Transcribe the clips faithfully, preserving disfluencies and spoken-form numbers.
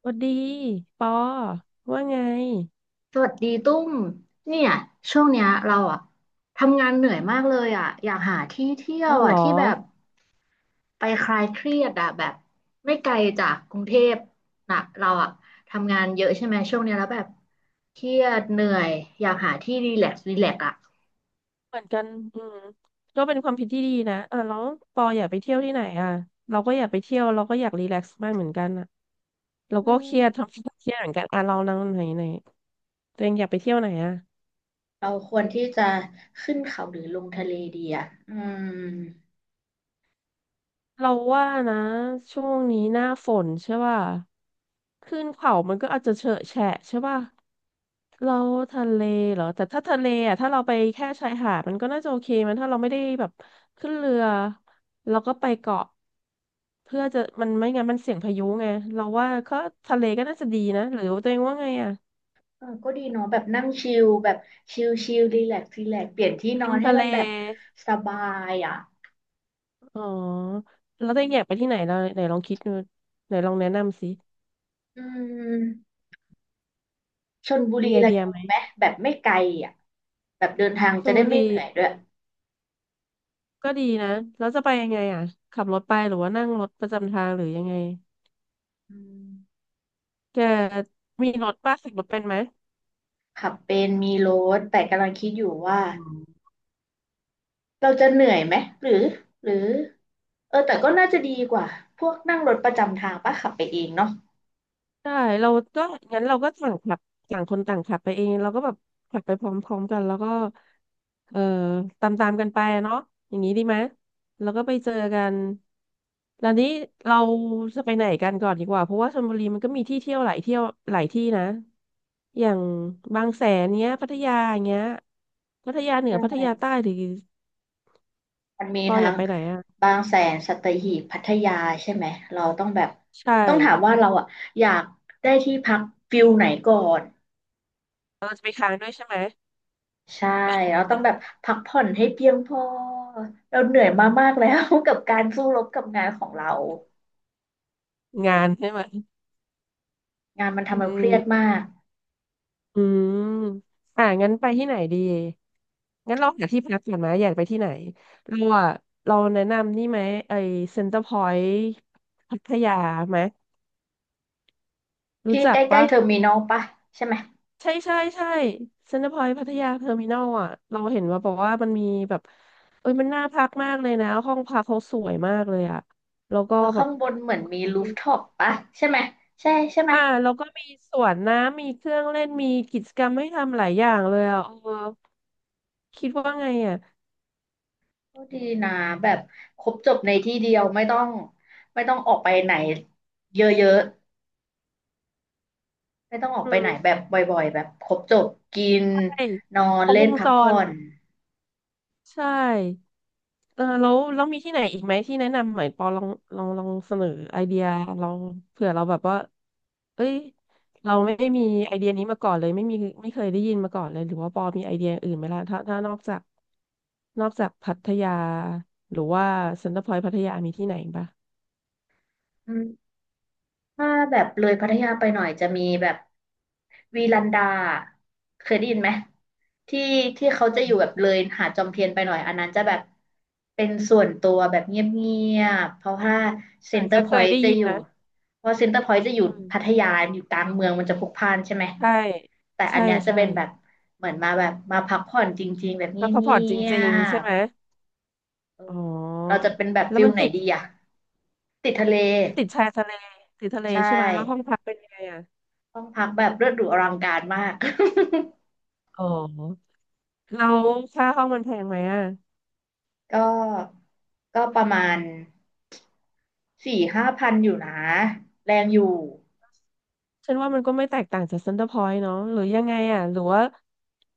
สวัสดีปอว่าไงสวัสดีตุ้มเนี่ยช่วงเนี้ยเราอะทำงานเหนื่อยมากเลยอะอยากหาที่เที่ยเอาวเหอะรอที่แบบไปคลายเครียดอะแบบไม่ไกลจากกรุงเทพนะเราอะทำงานเยอะใช่ไหมช่วงเนี้ยแล้วแบบเครียดเหนื่อยอยากหาที่รีแลกซ์รีแลกซ์อะเหมือนกันอืมก็เป็นความผิดที่ดีนะอ่ะแล้วปออยากไปเที่ยวที่ไหนอ่ะเราก็อยากไปเที่ยวเราก็อยากรีแลกซ์บ้างเหมือนกันอ่ะเราก็อืเครียด มทำเครียดเหมือนกันอ่ะเรานั่งไหนไหนตัวเองอยากไปเที่ยวไหนอ่ะ เราควรที่จะขึ้นเขาหรือลงทะเลดีอะอืมเราว่านะช่วงนี้หน้าฝนใช่ป่ะขึ้นเขามันก็อาจจะเฉอะแฉะใช่ป่ะเราทะเลเหรอแต่ถ้าทะเลอ่ะถ้าเราไปแค่ชายหาดมันก็น่าจะโอเคมันถ้าเราไม่ได้แบบขึ้นเรือเราก็ไปเกาะเพื่อจะมันไม่งั้นมันเสี่ยงพายุไงเราว่าก็ทะเลก็น่าจะดีนะหรือตัวเองว่าไงอ่ะเออก็ดีเนาะแบบนั่งชิลแบบชิลชิลรีแลกซ์รีแลกซ์เปลี่ยนที่นริอมนให้ทะเลมันแบบสบายอะอ๋อแล้วตัวเองอยากไปที่ไหนเราไหนลองคิดดูไหนลองแนะนำสิอืม ชลบุรีมีไอระเดียยอไหงมไหมแบบไม่ไกลอ่ะแบบเดินทางชจะลได้บุไม่รี เหนื่อยด้วยก็ดีนะแล้วจะไปยังไงอ่ะ ขับรถไปหรือว่านั่งรถประจำทางหรือยังไงอืมแกมีรถป้าขับรถเป็นไหมขับเป็นมีรถแต่กำลังคิดอยู่ว่าอ๋อเราจะเหนื่อยไหมหรือหรือเออแต่ก็น่าจะดีกว่าพวกนั่งรถประจำทางปะขับไปเองเนาะได้เราก็งั้นเราก็ต่างขับต่างคนต่างขับไปเอง เราก็แบบขับไปพร้อมๆกันแล้วก็เอ่อตามๆกันไปอะเนาะอย่างนี้ดีไหมแล้วก็ไปเจอกันแล้วนี้เราจะไปไหนกันก่อนดีกว่า เพราะว่าชลบุรีมันก็มีที่เที่ยวหลายเที่ยวหลายที่นะ อย่างบางแสนเนี้ยพัทยาเงี้ยพัทยาเหนือพัทใช่ยาใต้หรือ มันมีปออทั้ยางกไปไหนอ่ะบางแสนสัตหีบพัทยาใช่ไหมเราต้องแบบใช่ต้องถามว่าเราอ่ะอยากได้ที่พักฟิลไหนก่อน เราจะไปค้างด้วยใช่ไหมใช่เราต้องแบบพักผ่อนให้เพียงพอเราเหนื่อยมามากแล้ว กับการสู้รบกับงานของเรางานใช่ไหมงานมันอืทำเราเครียดมามกอืมอ่ะงั้นไปที่ไหนดีงั้นเราหาที่พักก่อนไหมอยากไปที่ไหนเราอ่ะเราแนะนำนี่ไหมไอเซ็นเตอร์พอยต์พัทยาไหมรู้ที่จัใกกล้ปะๆเทอร์มินอลปะใช่ไหมใช่ใช่ใช่เซ็นเตอร์พอยต์พัทยาเทอร์มินอลอ่ะเราเห็นว่าบอกว่ามันมีแบบเอ้ยมันน่าพักมากเลยนะห้องพักเขาสวยมากเลยอ่ะแล้วก็เราแบบ ข้างบนเหมือนมีรูฟท็อปปะใช่ไหมใช่ใช่ไหมอ่าแล้วก็มีสวนน้ำมีเครื่องเล่นมีกิจกรรมให้ทำหลายอย่างเลยอ่ะเออคิดว่าไงอ่ะก็ดีนะแบบครบจบในที่เดียวไม่ต้องไม่ต้องออกไปไหนเยอะๆไม่ต้องออกไปอืไหนมแบบบ่อยๆแบบครบจบกินใช่นอนครบเล่วนงพัจกผ่อรนใช่เออแล้วแล้วมีที่ไหนอีกไหมที่แนะนำหน่อยปอลองลองลองเสนอไอเดียลองเผื่อเราแบบว่าเอ้ยเราไม่ได้มีไอเดียนี้มาก่อนเลยไม่มีไม่เคยได้ยินมาก่อนเลยหรือว่าปอมีไอเดียอื่นไหมล่ะถ้าถ้านอกจากนอกจากพัทยาหรือว่าเซ็นเตอร์พอยต์พัทยามีที่ไหนอีกปะอืม ถ้าแบบเลยพัทยาไปหน่อยจะมีแบบวีลันดาเคยได้ยินไหมที่ที่เขาเหมืจะอนอยู่แบบเลยหาดจอมเทียนไปหน่อยอันนั้นจะแบบเป็นส่วนตัวแบบเงียบๆเพราะว่าเหเซ็มืนอนเตอร์จะพเคอยยต์ได้จะยินอยู่นะ เพราะเซ็นเตอร์พอยต์จะอยู่อืมพัทยาอยู่กลางเมืองมันจะพลุกพล่านใช่ไหมใช่แต่อัใช่นเนี้ยจะใช่เป็นแบบเหมือนมาแบบมาพักผ่อนจริงๆแบบเงีแล้วเขาผ่อนจยริงๆใช่บไหมๆเออ๋ออเราจะเป็นแบบแล้วฟิลมันไหนติดดีอะติดทะเลมันติดชายทะเลติดทะเลใช่ ใช่ไหมแล้วห้องพักเป็นยังไงอ่ะห้องพักแบบเลิศหรูอลังการมาก อ๋อแล้วค่าห้องมันแพงไหมอ่ะ ก็ก็ประมาณสี่ห้าพันอยู่นะ แรงอยู่ฉันว่ามันก็ไม่แตกต่างจากเซ็นเตอร์พอยต์เนาะหรือยังไงอ่ะหรือว่า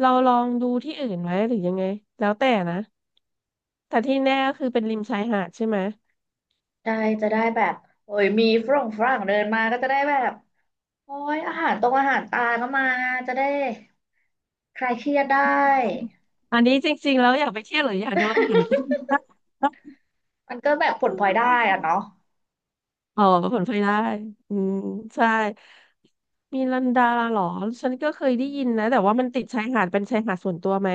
เราลองดูที่อื่นไหมหรือยังไงแล้วแต่นะแต่ที่แน่ก็คือเป็นริมชายหาดใช่ไหมได้จะได้แบบโอ้ยมีฝรั่งฝรั่งเดินมาก็จะได้แบบ โอ้ยอาหารตรงอาหารตาก็มาจะได้คลายเครียดได้ อันนี้จริงๆแล้วอยากไปเที่ยวหรืออยากดูอาหาร ใต้มันก็แบบผลพลอยได้อะน เนาะอ๋อผลพลอยได้ อืมใช่มีลันดาเหรอฉันก็เคยได้ยินนะแต่ว่ามันติดชายหาดเป็นชายหาดส่วนตัวไหม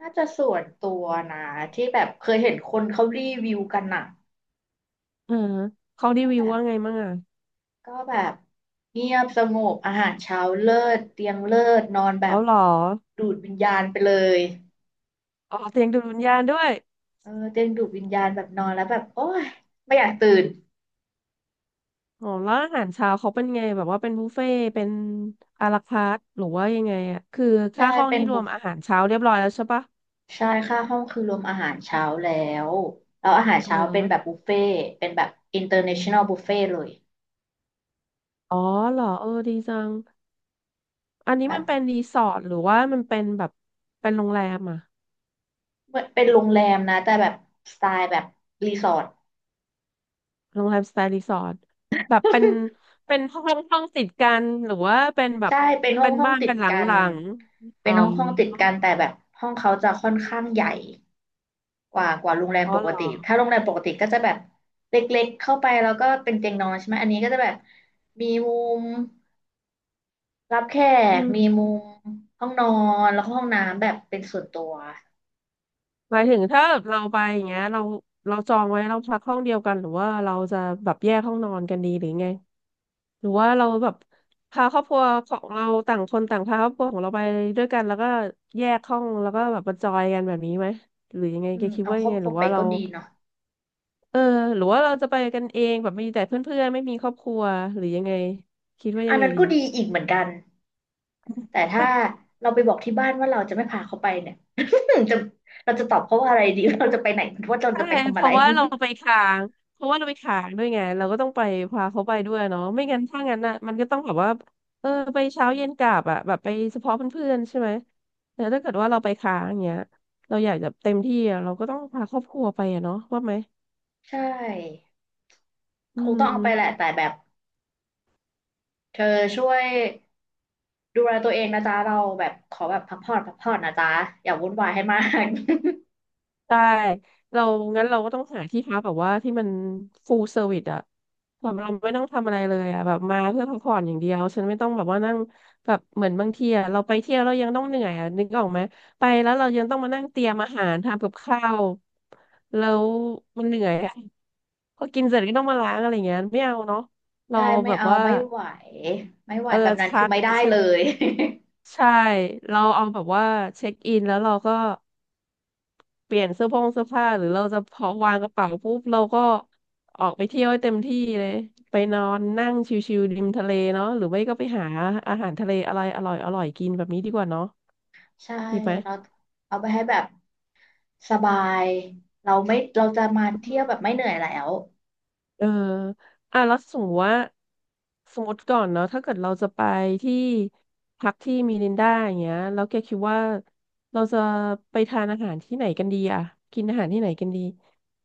น่าจะส่วนตัวนะที่แบบเคยเห็นคนเขารีวิวกันอะเออเขารีก็วิแบวบ ว่าไงมั่งอ่ะก็แบบเงียบสงบอาหารเช้าเลิศเตียงเลิศนอนแบเอาบเหรอดูดวิญญาณไปเลยอ๋อเตียงดูดวิญญาณด้วยเออเตียงดูดวิญญาณแบบนอนแล้วแบบโอ้ยไม่อยากตื่นอ๋อแล้วอาหารเช้าเขาเป็นไงแบบว่าเป็นบุฟเฟ่ต์เป็นอาราคาร์ทหรือว่ายังไงอ่ะคือใช่ค่าห้องเป็นี่นรบุวมฟอาหารเช้าเรียบร้อยแล้วใช่ปะใช่ค่าห้องคือรวมอาหารเช้าแล้วแล้วอาหารเอเช้าเป็นอแบบบุฟเฟ่ต์เป็นแบบ international buffet เลยอ๋อเหรอเออดีจังอันนี้มัแบบนเป็นรีสอร์ทหรือว่ามันเป็นแบบเป็นโรงแรมอ่ะ เหมือนเป็นโรงแรมนะแต่แบบสไตล์แบบรีสอร์ทโรงแรมสไตล์รีสอร์ทแบบเป็นเป็นห้องห้องติดกันหรือว่าเป็นแบบใช่เป็นห้อเป็งนห้องบ้านติเป็ดนหกันลังๆอ๋เป็นอห้องห้องติดกันแต่แบบห้องเขาจะค่อนข้างใหญ่ กว่ากว่าโรงแรมอ๋อปเหกรอติถ้าโรงแรมปกติก็จะแบบเล็กๆเข้าไปแล้วก็เป็นเตียงนอนใช่ไหมอันนี้ก็จะแบบมีมุมรับแขอืกมีมุมมห้องนอนแล้วก็ห้องน้ำแบบเป็นส่วนตัวหมายถึงถ้าแบบเราไปอย่างเงี้ยเราเราจองไว้เราพักห้องเดียวกันหรือว่าเราจะแบบแยกห้องนอนกันดีหรือไงหรือว่าเราแบบพาครอบครัวของเราต่างคนต่างพาครอบครัวของเราไปด้วยกันแล้วก็แยกห้องแล้วก็แบบมาจอยกันแบบนี้ไหมหรือยังไงอืแกมคิดเอาว่าครยัองบไงคหรัรืวอไปว่าเรา ก็ดีเนาะเออหรือว่าเราจะไปกันเองแบบมีแต่เพื่อนๆไม่มีครอบครัวหรือยังไงคิดว่าอัยันงไงนั้นดีก็ดีอีกเหมือนกันแต่ถ้าใเราไปบอกที่บ้านว่าเราจะไม่พาเขาไปเนี่ย หนึ่งจะเราจะตอบเขาว่าอะไรดี เราจะไปไหนว่าเราช่จะไปทำเพอะไร ราะว่าเราไปค้างเพราะว่าเราไปค้างด้วยไงเราก็ต้องไปพาเขาไปด้วยเนาะไม่งั้นถ้างั้นน่ะมันก็ต้องแบบว่าเออไปเช้าเย็นกลับอะแบบไปเฉพาะเพื่อนๆใช่ไหมแต่ถ้าเกิดว่าเราไปค้างอย่างเงี้ยเราอยากจะเต็มที่อะเราก็ต้องพาครอบครัวไปอะเนาะว่าไหม ใช่อืคงต้องเอาไปแหละม แต่แบบเธอช่วย ดูแลตัวเองนะจ๊ะเราแบบขอแบบพักผ่อนพักผ่อนนะจ๊ะอย่าวุ่นวายให้มาก ได้เรางั้นเราก็ต้องหาที่พักแบบว่าที่มันฟูลเซอร์วิสอะแบบเราไม่ต้องทำอะไรเลยอะแบบมาเพื่อพักผ่อนอย่างเดียวฉันไม่ต้องแบบว่านั่งแบบเหมือนบางทีอะเราไปเที่ยวเรายังต้องเหนื่อยอะนึกออกไหมไปแล้วเรายังต้องมานั่งเตรียมอาหารทำกับข้าวแล้วมันเหนื่อยอะพอกินเสร็จก็ต้องมาล้างอะไรเงี้ยไม่เอาเนาะ เราใช่แบไม่บเอาว่าไม่ไหวไม่ไหวเออแบบนั้นคืชัอดไม่ได้ใช่เลย ใช่เราเอาแบบว่าเช็คอินแล้วเราก็ เปลี่ยนเสื้อผ้าเสื้อผ้าหรือเราจะพอวางกระเป๋าปุ๊บเราก็ออกไปเที่ยวให้เต็มที่เลยไปนอนนั่งชิวๆริมทะเลเนาะหรือไม่ก็ไปหาอาหารทะเลอะไรอร่อยอร่อยกินแบบนี้ดีกว่าเนาะ ใช่ดีไหม เราเอาไปให้แบบสบายเราไม่เราจะมาเที่ยวแบบไม่เหนื่อยแล้วเอออ่ะแล้วสมมติว่าสมมติก่อนเนาะถ้าเกิดเราจะไปที่พักที่มิรินดาอย่างเงี้ยแล้วแกคิดว่าเราจะไปทานอาหารที่ไหนกันดีอะกินอาหารที่ไหนกันดี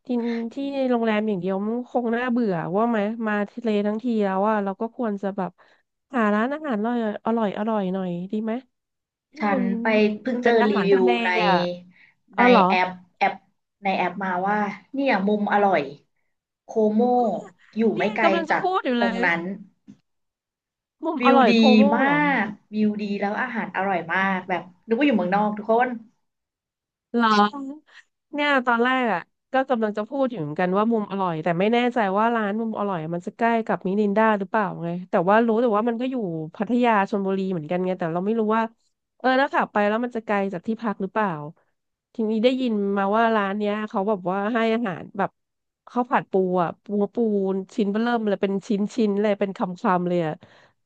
กินที่โรงแรมอย่างเดียวมันคงน่าเบื่อว่าไหมมาทะเลทั้งทีแล้วอะเราก็ควรจะแบบหาร้านอาหารอร่อยอร่อยอร่อยหน่อยดีไหมที่ฉันมันไปเพิ่งเจเป็นออารีหารวิทะวเลในอะอ๋ในอเหรอแอปแอปในแอปมาว่าเนี่ยมุมอร่อยโคโมอยู่เนี่ไม่ยไกลกำลังจะจากพูดอยู่ตรเลงยนั้น มุมวิอวร่อยดีโคโม่มาเหรอกวิวดีแล้วอาหารอร่อยมาอืกแบบม นึกว่าอยู่เมืองนอกทุกคนเหรอเนี่ยตอนแรกอ่ะก็กำลังจะพูดอยู่เหมือนกันว่ามุมอร่อยแต่ไม่แน่ใจว่าร้านมุมอร่อยมันจะใกล้กับมินินดาหรือเปล่าไงแต่ว่ารู้แต่ว่ามันก็อยู่พัทยาชลบุรีเหมือนกันไงแต่เราไม่รู้ว่าเออแล้วขับไปแล้วมันจะไกลจากที่พักหรือเปล่าทีนี้ได้ยินมาว่าร้านเนี้ยเขาแบบว่าให้อาหารแบบข้าวผัดปูอ่ะปูปูนชิ้นเบ้อเริ่มเลยเป็นชิ้นชิ้นเลยเป็นคำคำเลยอ่ะ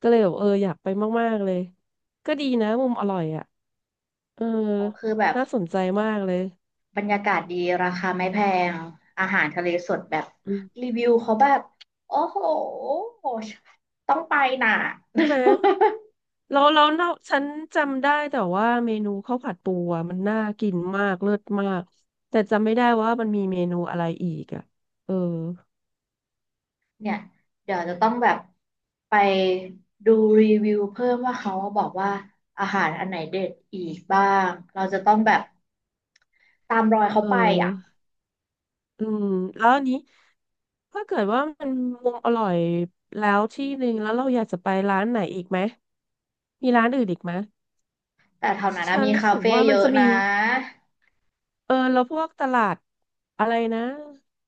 ก็เลยแบบเอออยากไปมากๆเลยก็ดีนะมุมอร่อยอ่ะเออ เราคือแบบน่าสนใจมากเลยบรรยากาศดีราคาไม่แพงอาหารทะเลสดแบบอืรีมวิวเขาแบบโอ้โหต้องไปน่ะ ใช่ไหมเราเราเราฉันจำได้แต่ว่าเมนูข้าวผัดปูอะมันน่ากินมากเลิศมากแต่จำไม่ได้ว่ามันมีเมนูอะไรอีกอ่ะเออ เนี่ยเดี๋ยวจะต้องแบบไปดูรีวิวเพิ่มว่าเขาบอกว่าอาหารอันไหนเด็ดอีกบ้างเราจะต้องแบบตามรอยเขาเอไปอ่ะออืมแล้วอันนี้ถ้าเกิดว่ามันมุมอร่อยแล้วที่หนึ่งแล้วเราอยากจะไปร้านไหนอีกไหมมีร้านอื่นอีกไหมแต่แถวนั้นนะฉันมีรู้คาสึกเฟ่ว่ามัเยนอะจะนะ มี เออแล้วพวกตลาดอะไรนะ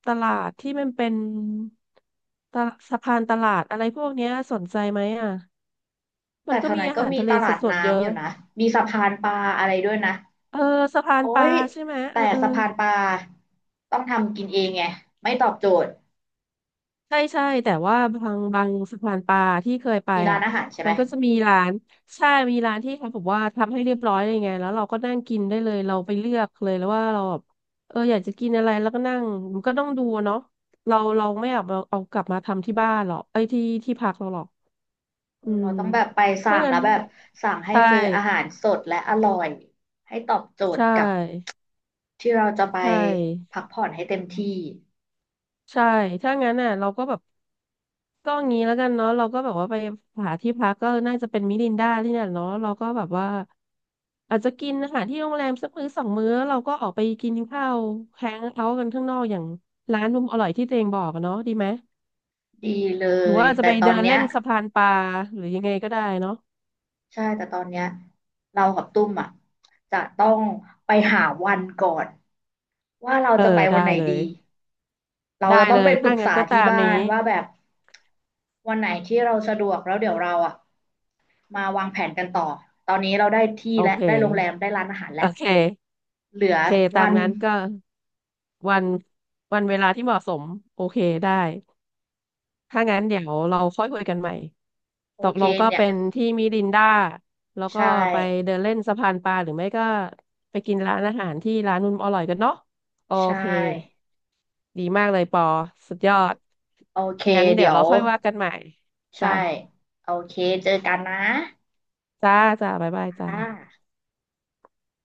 ตลาดที่มันเป็นตลาดสะพานตลาดอะไรพวกเนี้ยสนใจไหมอ่ะมัแต่นแถก็วมีนั้นอาก็หารมีทะเลตลาดสดๆเยน้ำออะยู่นะมีสะพานปลาอะไรด้วยนะเออสะพานโอ๊ปลายใช่ไหมเอแต่อเออ สะพานปลาต้องทำกินเองไงไม่ตอบโจทย์ใช่ใช่แต่ว่าบางบางสะพานปลาที่เคยไปมีร้านอ่ะอาหารใช่ไหมัมนก็จะมีร้านใช่มีร้านที่เขาบอกว่าทำให้เรียบร้อยเลยไงแล้วเราก็นั่งกินได้เลยเราไปเลือกเลยแล้วว่าเราแบบเอออยากจะกินอะไรแล้วก็นั่งมันก็ต้องดูอะเนาะเราเราไม่เอาเอากลับมาทำที่บ้านหรอกไอ้ยที่ที่พักเราหรอกเออือมเราต้องแบบไปสั่ถ้างงั้แล้นวแบบสั่งให้ใช่เจออาหารสดและอร่อยให้ตอบโจทใชย์กับ่ที่เราจะไปใช่พักผ่อนให้เต็มที่ใช่ถ้างั้นน่ะเราก็แบบ ก็งี้แล้วกันเนาะเราก็แบบว่าไปหาที่พักก็น่าจะเป็นมิรินดาที่เนี่ยเนาะเราก็แบบว่าอาจจะกินอาหารที่โรงแรมสักมื้อสองมื้อเราก็ออกไปกินข้าวแฮงเอาท์กันข้างนอกอย่างร้านมุมอร่อยที่ตัวเองบอกอะเนาะดีไหมดีเลหรือยว่าอาจจะแต่ไปตอเดินนเนี้เล่ยนสะพานปลาหรือยังไงก็ได้เนาะใช่แต่ตอนเนี้ยเรากับตุ้มอ่ะจะต้องไปหาวันก่อนว่าเราเออจะไปวัได้นไหนเลดี ยเราได้จะต้อเลงไปยปรึถ้ากงั้นษาก็ตาที่มบ้านี้นว่าแบบวันไหนที่เราสะดวกแล้วเดี๋ยวเราอ่ะมาวางแผนกันต่อตอนนี้เราได้ที่โอและเคได้โรงแรมได้ร้านอาหารโอแล้วเคเหลือโอเคตาวัมนนั้นก็วันวันเวลาที่เหมาะสมโอเคได้ ถ้างั้นเดี๋ยวเราค่อยคุยกันใหม่ โอตกเคลงก็เนี่ยเป็นที่มิรินดาแล้วก็ใช่ไปเดินเล่นสะพานปลาหรือไม่ก็ไปกินร้านอาหารที่ร้านนุ่มอร่อยกันเนาะโอใชเค ่ดีมากเลยปอสุดยอดโอเคงั้นเดี๋เดี๋ยวยเราวค่อยว่ากันใหม่ใช่จ้าโอเคเจอกันนะจ้าจ้าบ๊ายบายจ้าอ่า